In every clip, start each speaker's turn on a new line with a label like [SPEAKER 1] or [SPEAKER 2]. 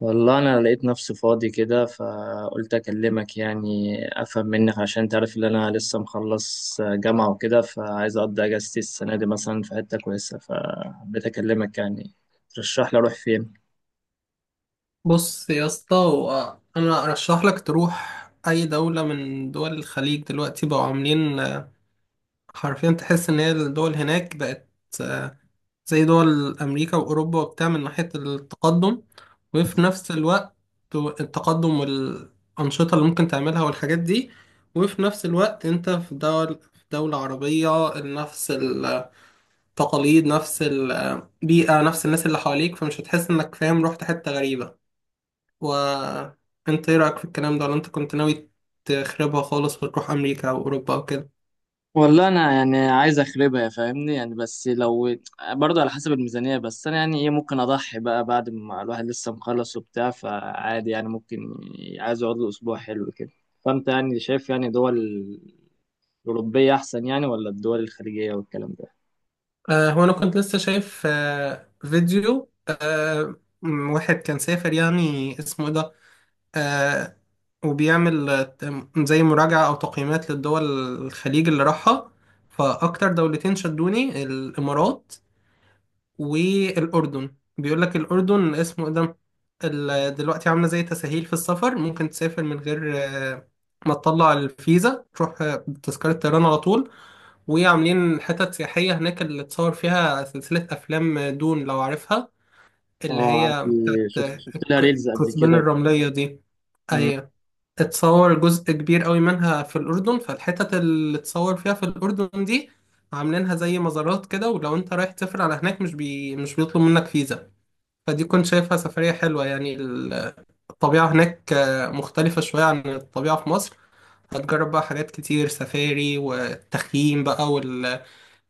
[SPEAKER 1] والله انا لقيت نفسي فاضي كده، فقلت اكلمك يعني افهم منك، عشان انت عارف ان انا لسه مخلص جامعه وكده، فعايز اقضي اجازتي السنه دي مثلا في حته كويسه، فحبيت اكلمك يعني ترشح لي اروح فين.
[SPEAKER 2] بص يا اسطى، هو انا ارشح لك تروح اي دولة من دول الخليج؟ دلوقتي بقوا عاملين، حرفيا تحس ان هي الدول هناك بقت، آه، زي دول امريكا واوروبا وبتاع، من ناحية التقدم وفي نفس الوقت التقدم والانشطة اللي ممكن تعملها والحاجات دي. وفي نفس الوقت انت في دول، في دولة عربية، نفس التقاليد نفس البيئة نفس الناس اللي حواليك، فمش هتحس انك فاهم رحت حتة غريبة. وانت ايه رأيك في الكلام ده، ولا انت كنت ناوي تخربها خالص وتروح امريكا او اوروبا او كده؟
[SPEAKER 1] والله انا يعني عايز اخربها يا فاهمني يعني، بس لو برضه على حسب الميزانيه، بس انا يعني ايه، ممكن اضحي بقى بعد ما الواحد لسه مخلص وبتاع، فعادي يعني ممكن عايز يقعد له اسبوع حلو كده. فانت يعني شايف يعني دول الأوروبية أحسن يعني ولا الدول الخليجية والكلام ده؟
[SPEAKER 2] هو انا كنت لسه شايف فيديو، واحد كان سافر، يعني اسمه ايه ده، آه وبيعمل، زي مراجعة او تقييمات للدول الخليج اللي راحها. فاكتر دولتين شدوني الامارات والأردن. بيقول لك الأردن اسمه إيه ده، دلوقتي عاملة زي تسهيل في السفر، ممكن تسافر من غير، ما تطلع الفيزا، تروح بتذكرة طيران على طول. وعاملين حتت سياحية هناك، اللي اتصور فيها سلسلة أفلام دون لو عارفها، اللي
[SPEAKER 1] اه
[SPEAKER 2] هي
[SPEAKER 1] عندي،
[SPEAKER 2] بتاعت،
[SPEAKER 1] شفت شفت لها ريلز قبل
[SPEAKER 2] كثبان
[SPEAKER 1] كده والكلام ده.
[SPEAKER 2] الرملية دي.
[SPEAKER 1] مم.
[SPEAKER 2] أيوة، اتصور جزء كبير قوي منها في الأردن. فالحتت اللي اتصور فيها في الأردن دي عاملينها زي مزارات كده، ولو انت رايح تسافر على هناك، مش بيطلب منك فيزا. فدي كنت شايفها سفرية حلوة، يعني الطبيعة هناك مختلفة شوية عن الطبيعة في مصر. هتجرب بقى حاجات كتير، سفاري والتخييم بقى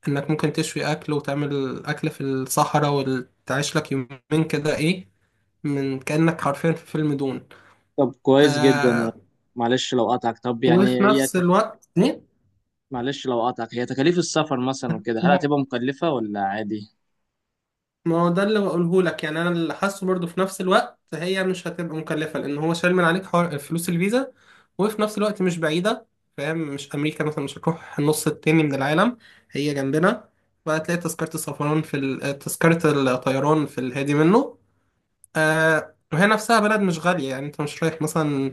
[SPEAKER 2] انك ممكن تشوي أكل وتعمل أكل في الصحراء وتعيش لك يومين كده، ايه، من كأنك حرفيا في فيلم دون.
[SPEAKER 1] طب كويس جدا يعني.
[SPEAKER 2] آه
[SPEAKER 1] معلش لو قطعك، طب يعني
[SPEAKER 2] وفي
[SPEAKER 1] هي
[SPEAKER 2] نفس الوقت،
[SPEAKER 1] معلش لو قطعك، هي تكاليف السفر مثلا وكده هل
[SPEAKER 2] ما
[SPEAKER 1] هتبقى مكلفة ولا عادي؟
[SPEAKER 2] ما هو ده اللي بقوله لك، يعني انا اللي حاسه برضه في نفس الوقت هي مش هتبقى مكلفه، لان هو شايل من عليك حوار فلوس الفيزا. وفي نفس الوقت مش بعيده، فاهم؟ مش امريكا مثلا، مش هتروح النص التاني من العالم، هي جنبنا. فهتلاقي تذكره السفران تذكره الطيران في الهادي منه. وهي نفسها بلد مش غاليه، يعني انت مش رايح مثلا،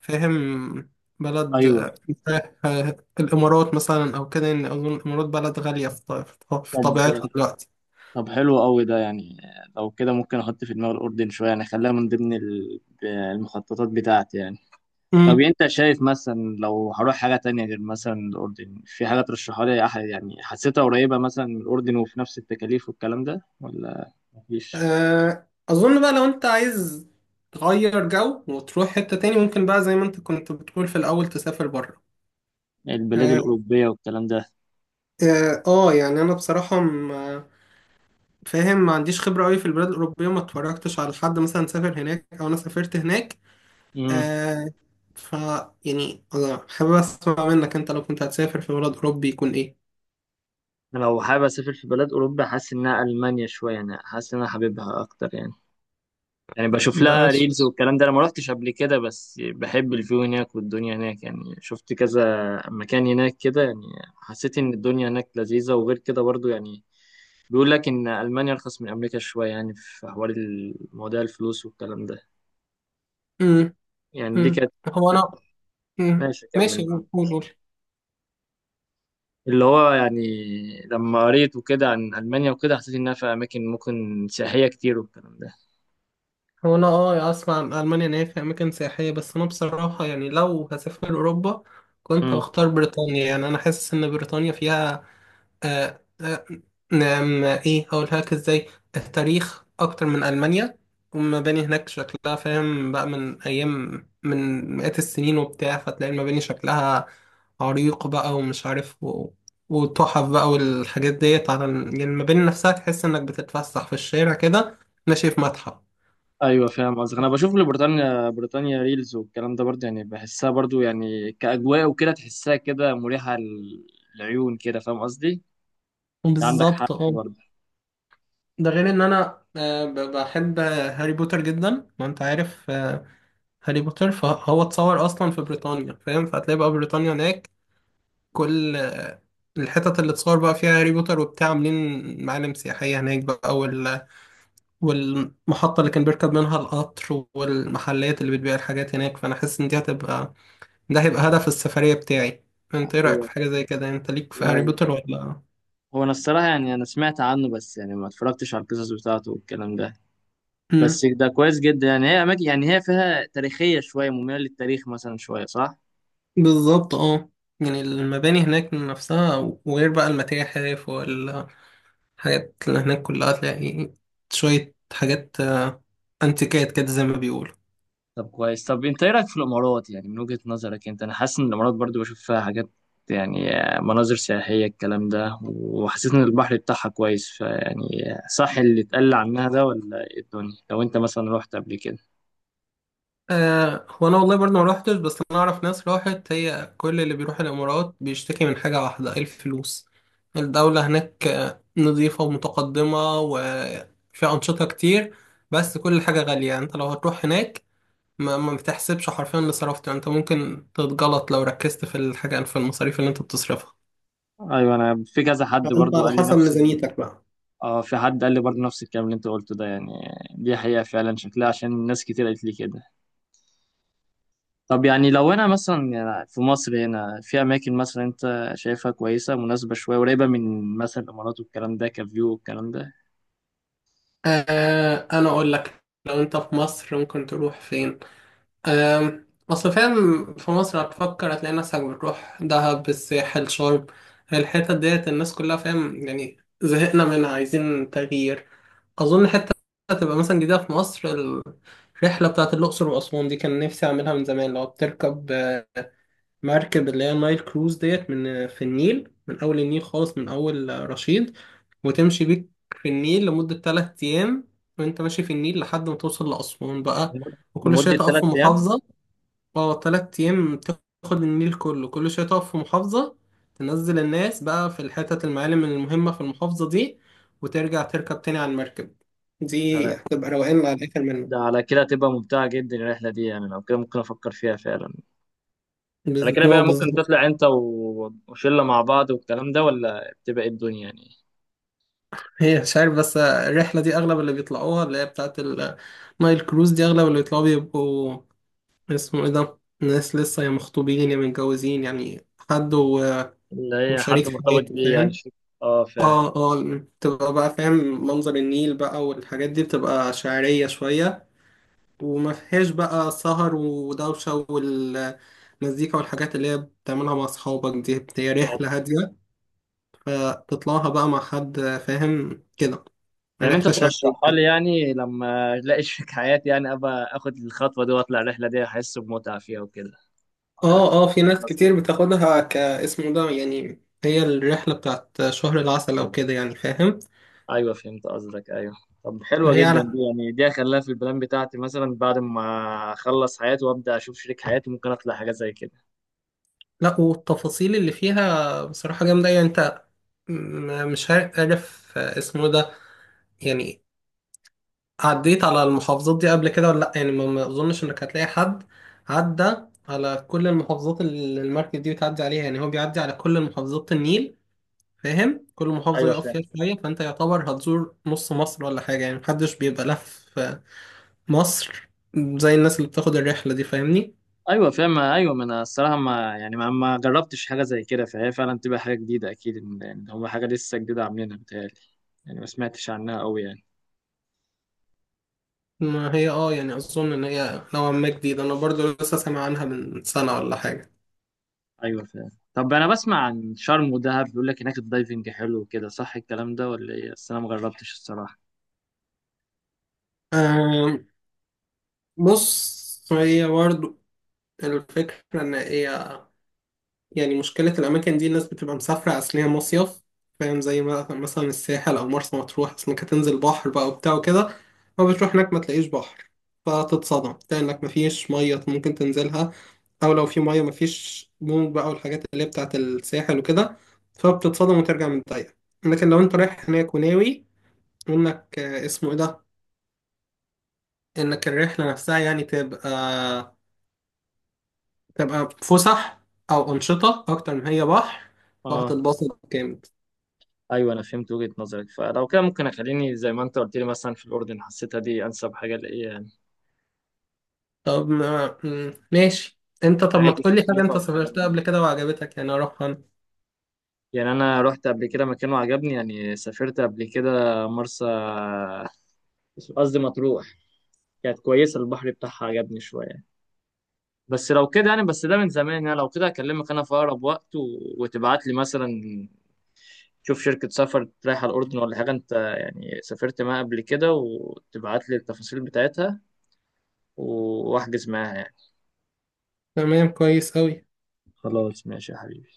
[SPEAKER 2] فاهم، بلد،
[SPEAKER 1] أيوه.
[SPEAKER 2] رايح، الامارات مثلا او كده. ان اظن الامارات بلد غاليه في طبيعتها
[SPEAKER 1] طب
[SPEAKER 2] دلوقتي.
[SPEAKER 1] طب حلو قوي ده يعني. لو كده ممكن أحط في دماغي الأردن شوية، يعني أخليها من ضمن المخططات بتاعتي يعني. طب انت شايف مثلا لو هروح حاجة تانية غير مثلا الأردن، في حاجة ترشحها لي، يعني حسيتها قريبة مثلا من الأردن وفي نفس التكاليف والكلام ده ولا مفيش؟
[SPEAKER 2] أظن بقى لو أنت عايز تغير جو وتروح حتة تاني، ممكن بقى زي ما أنت كنت بتقول في الأول تسافر بره.
[SPEAKER 1] البلاد
[SPEAKER 2] آه,
[SPEAKER 1] الأوروبية والكلام ده.
[SPEAKER 2] يعني أنا بصراحة، فاهم، ما عنديش خبرة أوي في البلاد الأوروبية، ما اتفرجتش على حد مثلا سافر هناك أو أنا سافرت هناك.
[SPEAKER 1] امم.
[SPEAKER 2] آه ف يعني أنا حابب أسمع منك، أنت لو كنت هتسافر في بلد أوروبي يكون إيه؟
[SPEAKER 1] لو حابب أسافر في بلاد أوروبا حاسس إنها ألمانيا شوية يعني، حاسس إن أنا حاببها أكتر يعني بشوف
[SPEAKER 2] ده
[SPEAKER 1] لها
[SPEAKER 2] بس.
[SPEAKER 1] ريلز والكلام ده، أنا ما روحتش قبل كده، بس بحب الفيو هناك والدنيا هناك، يعني شفت كذا مكان هناك كده يعني. حسيت إن الدنيا هناك لذيذة، وغير كده برضو يعني بيقول لك إن ألمانيا أرخص من أمريكا شوية يعني في حوار مواضيع الفلوس والكلام ده.
[SPEAKER 2] مم.
[SPEAKER 1] يعني دي
[SPEAKER 2] مم.
[SPEAKER 1] كانت...
[SPEAKER 2] هو أنا مم.
[SPEAKER 1] ماشي كمل
[SPEAKER 2] ماشي.
[SPEAKER 1] معاك.
[SPEAKER 2] قول، قول.
[SPEAKER 1] اللي هو يعني لما قريت وكده عن ألمانيا وكده حسيت إنها في أماكن ممكن سياحية كتير والكلام ده.
[SPEAKER 2] هو انا يعني اسمع عن المانيا ان هي في اماكن سياحيه، بس انا بصراحه، يعني لو هسافر اوروبا كنت
[SPEAKER 1] مم.
[SPEAKER 2] هختار بريطانيا. يعني انا حاسس ان بريطانيا فيها، آه آه نعم، ايه هقولها لك ازاي، التاريخ اكتر من المانيا. والمباني هناك شكلها، فاهم بقى، من ايام من مئات السنين وبتاع. فتلاقي المباني شكلها عريق بقى، ومش عارف وتحف بقى، والحاجات ديت، على يعني المباني نفسها تحس انك بتتفسح في الشارع كده ماشي في متحف.
[SPEAKER 1] أيوة فاهم قصدك. أنا بشوف لبريطانيا، بريطانيا ريلز والكلام ده برضه يعني، بحسها برضه يعني كأجواء وكده، تحسها كده مريحة للعيون كده، فاهم قصدي؟ أنت عندك حق
[SPEAKER 2] بالظبط، اه.
[SPEAKER 1] برضه.
[SPEAKER 2] ده غير ان انا بحب هاري بوتر جدا، ما انت عارف، هاري بوتر. فهو اتصور اصلا في بريطانيا، فاهم. فهتلاقي بقى بريطانيا هناك، كل الحتت اللي اتصور بقى فيها هاري بوتر وبتاع عاملين معالم سياحية هناك بقى والمحطة اللي كان بيركب منها القطر، والمحلات اللي بتبيع الحاجات هناك. فانا حاسس ان دي هتبقى ده هيبقى هدف السفرية بتاعي. انت ايه رأيك
[SPEAKER 1] هو
[SPEAKER 2] في حاجة زي كده؟ انت ليك في هاري بوتر ولا؟
[SPEAKER 1] هو أنا الصراحة يعني أنا سمعت عنه، بس يعني ما اتفرجتش على القصص بتاعته والكلام ده، بس ده كويس جدا يعني، هي اماكن يعني هي فيها تاريخيه شويه، مميله للتاريخ مثلا شويه صح.
[SPEAKER 2] بالظبط، اه. يعني المباني هناك نفسها، وغير بقى المتاحف والحاجات اللي هناك كلها، تلاقي شوية حاجات انتيكات كده، زي ما بيقولوا.
[SPEAKER 1] طب كويس، طب انت ايه رايك في الامارات يعني من وجهه نظرك انت، انا حاسس ان الامارات برضو بشوف فيها حاجات يعني مناظر سياحيه الكلام ده، وحسيت ان البحر بتاعها كويس، فيعني صح اللي اتقال عنها ده ولا ايه الدنيا لو انت مثلا رحت قبل كده؟
[SPEAKER 2] هو أنا والله برضه ما روحتش، بس أنا أعرف ناس راحت، هي كل اللي بيروح الإمارات بيشتكي من حاجة واحدة، إيه، الفلوس. الدولة هناك نظيفة ومتقدمة وفي أنشطة كتير، بس كل حاجة غالية. يعني أنت لو هتروح هناك، ما بتحسبش حرفيا اللي صرفته. يعني انت ممكن تتغلط لو ركزت في الحاجة في المصاريف اللي انت بتصرفها.
[SPEAKER 1] ايوه انا في كذا حد
[SPEAKER 2] فانت
[SPEAKER 1] برضو
[SPEAKER 2] على
[SPEAKER 1] قال لي
[SPEAKER 2] حسب
[SPEAKER 1] نفس ال...
[SPEAKER 2] ميزانيتك بقى.
[SPEAKER 1] اه، في حد قال لي برضو نفس الكلام اللي انت قلته ده يعني، دي حقيقه فعلا شكلها عشان ناس كتير قالت لي كده. طب يعني لو انا مثلا يعني في مصر هنا، في اماكن مثلا انت شايفها كويسه مناسبه شويه قريبه من مثلا الامارات والكلام ده كفيو والكلام ده؟
[SPEAKER 2] انا اقول لك، لو انت في مصر ممكن تروح فين. آه اصل فاهم، في مصر هتفكر هتلاقي نفسك بتروح دهب، الساحل، شرم، الحتت ديت الناس كلها، فاهم، يعني زهقنا منها، عايزين تغيير. اظن حتة هتبقى مثلا جديدة في مصر، الرحلة بتاعت الأقصر وأسوان دي، كان نفسي أعملها من زمان. لو بتركب مركب اللي هي النايل كروز ديت، من في النيل، من أول النيل خالص من أول رشيد، وتمشي بيك في النيل لمدة 3 أيام. وأنت ماشي في النيل لحد ما توصل لأسوان بقى،
[SPEAKER 1] لمد-
[SPEAKER 2] وكل شوية
[SPEAKER 1] لمده
[SPEAKER 2] تقف
[SPEAKER 1] ثلاث
[SPEAKER 2] في
[SPEAKER 1] ايام
[SPEAKER 2] محافظة. اه، 3 أيام تاخد النيل كله. كل شوية تقف في محافظة، تنزل الناس بقى في الحتت المعالم المهمة في المحافظة دي، وترجع تركب تاني على المركب. دي
[SPEAKER 1] ده
[SPEAKER 2] هتبقى روقان على الآخر
[SPEAKER 1] ده
[SPEAKER 2] منه.
[SPEAKER 1] على كده تبقى ممتعه جدا الرحله دي يعني، لو كده ممكن افكر فيها فعلا. على كده
[SPEAKER 2] ما
[SPEAKER 1] بقى
[SPEAKER 2] هو
[SPEAKER 1] ممكن
[SPEAKER 2] بالظبط.
[SPEAKER 1] تطلع انت وشله مع بعض والكلام ده، ولا بتبقى إيه الدنيا يعني؟
[SPEAKER 2] هي مش عارف، بس الرحلة دي أغلب اللي بيطلعوها، اللي هي بتاعة النايل كروز دي، أغلب اللي بيطلعوا بيبقوا، اسمه إيه ده، ناس لسه، يا مخطوبين يا متجوزين، يعني حد
[SPEAKER 1] اللي هي حد
[SPEAKER 2] وشريك
[SPEAKER 1] مرتبط
[SPEAKER 2] حياته،
[SPEAKER 1] بيه يعني
[SPEAKER 2] فاهم.
[SPEAKER 1] شو. اه فعلا.
[SPEAKER 2] اه اه، تبقى بقى فاهم، منظر النيل بقى والحاجات دي بتبقى شعرية شوية، وما فيهاش بقى سهر ودوشة والمزيكا والحاجات اللي هي بتعملها مع أصحابك. دي هي رحلة هادية، فتطلعها بقى مع حد، فاهم كده،
[SPEAKER 1] يعني انت
[SPEAKER 2] رحلة شعبية.
[SPEAKER 1] ترشحها لي يعني لما الاقي شريك حياتي، يعني ابقى اخد الخطوه دي واطلع الرحله دي احس بمتعه فيها وكده. انا
[SPEAKER 2] اه اه، في
[SPEAKER 1] فهمت
[SPEAKER 2] ناس
[SPEAKER 1] قصدك.
[SPEAKER 2] كتير بتاخدها كاسمه ده، يعني هي الرحلة بتاعت شهر العسل او كده، يعني فاهم.
[SPEAKER 1] ايوه فهمت قصدك ايوه. طب حلوه
[SPEAKER 2] هي
[SPEAKER 1] جدا
[SPEAKER 2] على
[SPEAKER 1] دي يعني، دي هخليها في البلان بتاعتي مثلا بعد ما اخلص حياتي وابدا اشوف شريك حياتي، ممكن اطلع حاجه زي كده.
[SPEAKER 2] لا، والتفاصيل اللي فيها بصراحة جامدة. يعني انت، مش عارف اسمه ده، يعني عديت على المحافظات دي قبل كده ولا لا؟ يعني ما اظنش انك هتلاقي حد عدى على كل المحافظات اللي المركب دي بتعدي عليها. يعني هو بيعدي على كل محافظات النيل، فاهم، كل محافظة
[SPEAKER 1] ايوه
[SPEAKER 2] يقف
[SPEAKER 1] فاهم،
[SPEAKER 2] فيها شوية. فانت يعتبر هتزور نص مصر ولا حاجة، يعني محدش بيبقى لف مصر زي الناس اللي بتاخد الرحلة دي، فاهمني.
[SPEAKER 1] ايوه فاهم، ايوه ما انا الصراحه ما يعني ما جربتش حاجه زي كده، فهي فعلا تبقى حاجه جديده اكيد إن هو حاجه لسه جديده عاملينها بتهيألي، يعني ما سمعتش عنها قوي يعني.
[SPEAKER 2] ما هي اه، يعني أظن إن هي نوعا ما جديدة، أنا برضو لسه سامع عنها من سنة ولا حاجة.
[SPEAKER 1] ايوه فاهم. طب انا بسمع عن شرم ودهب بيقول لك هناك الدايفنج حلو وكده، صح الكلام ده ولا ايه؟ بس انا ما جربتش الصراحه.
[SPEAKER 2] آم، بص، هي برضو الفكرة إن هي، يعني مشكلة الأماكن دي، الناس بتبقى مسافرة أصل هي مصيف، فاهم، زي مثلا الساحل أو مرسى مطروح، أصل إنك هتنزل بحر بقى وبتاع وكده. ما بتروح هناك ما تلاقيش بحر، فتتصدم، تلاقي إنك مفيش مية ممكن تنزلها، أو لو في مية مفيش موج بقى والحاجات اللي هي بتاعة الساحل وكده. فبتتصدم وترجع متضايق. لكن لو أنت رايح هناك وناوي إنك، اسمه إيه ده، إنك الرحلة نفسها يعني، تبقى فسح أو أنشطة أكتر ما هي بحر،
[SPEAKER 1] اه،
[SPEAKER 2] وهتتبسط جامد.
[SPEAKER 1] ايوه انا فهمت وجهة نظرك، فلو كده ممكن اخليني زي ما انت قلت لي مثلا في الاردن، حسيتها دي انسب حاجه لايه يعني
[SPEAKER 2] طب ما ماشي. انت طب ما
[SPEAKER 1] نهايه
[SPEAKER 2] تقولي حاجة
[SPEAKER 1] التكلفه
[SPEAKER 2] انت
[SPEAKER 1] والكلام
[SPEAKER 2] سافرتها
[SPEAKER 1] ده.
[SPEAKER 2] قبل كده وعجبتك يعني اروحها انا.
[SPEAKER 1] يعني انا رحت قبل كده مكان وعجبني، يعني سافرت قبل كده مرسى، قصدي مطروح، كانت كويسه البحر بتاعها عجبني شويه، بس لو كده يعني، بس ده من زمان، يعني لو كده اكلمك انا في اقرب وقت وتبعت لي مثلا، شوف شركه سفر رايحه الاردن ولا حاجه انت يعني سافرت معاها قبل كده، وتبعت لي التفاصيل بتاعتها واحجز معاها يعني.
[SPEAKER 2] تمام، كويس اوي.
[SPEAKER 1] خلاص ماشي يا حبيبي.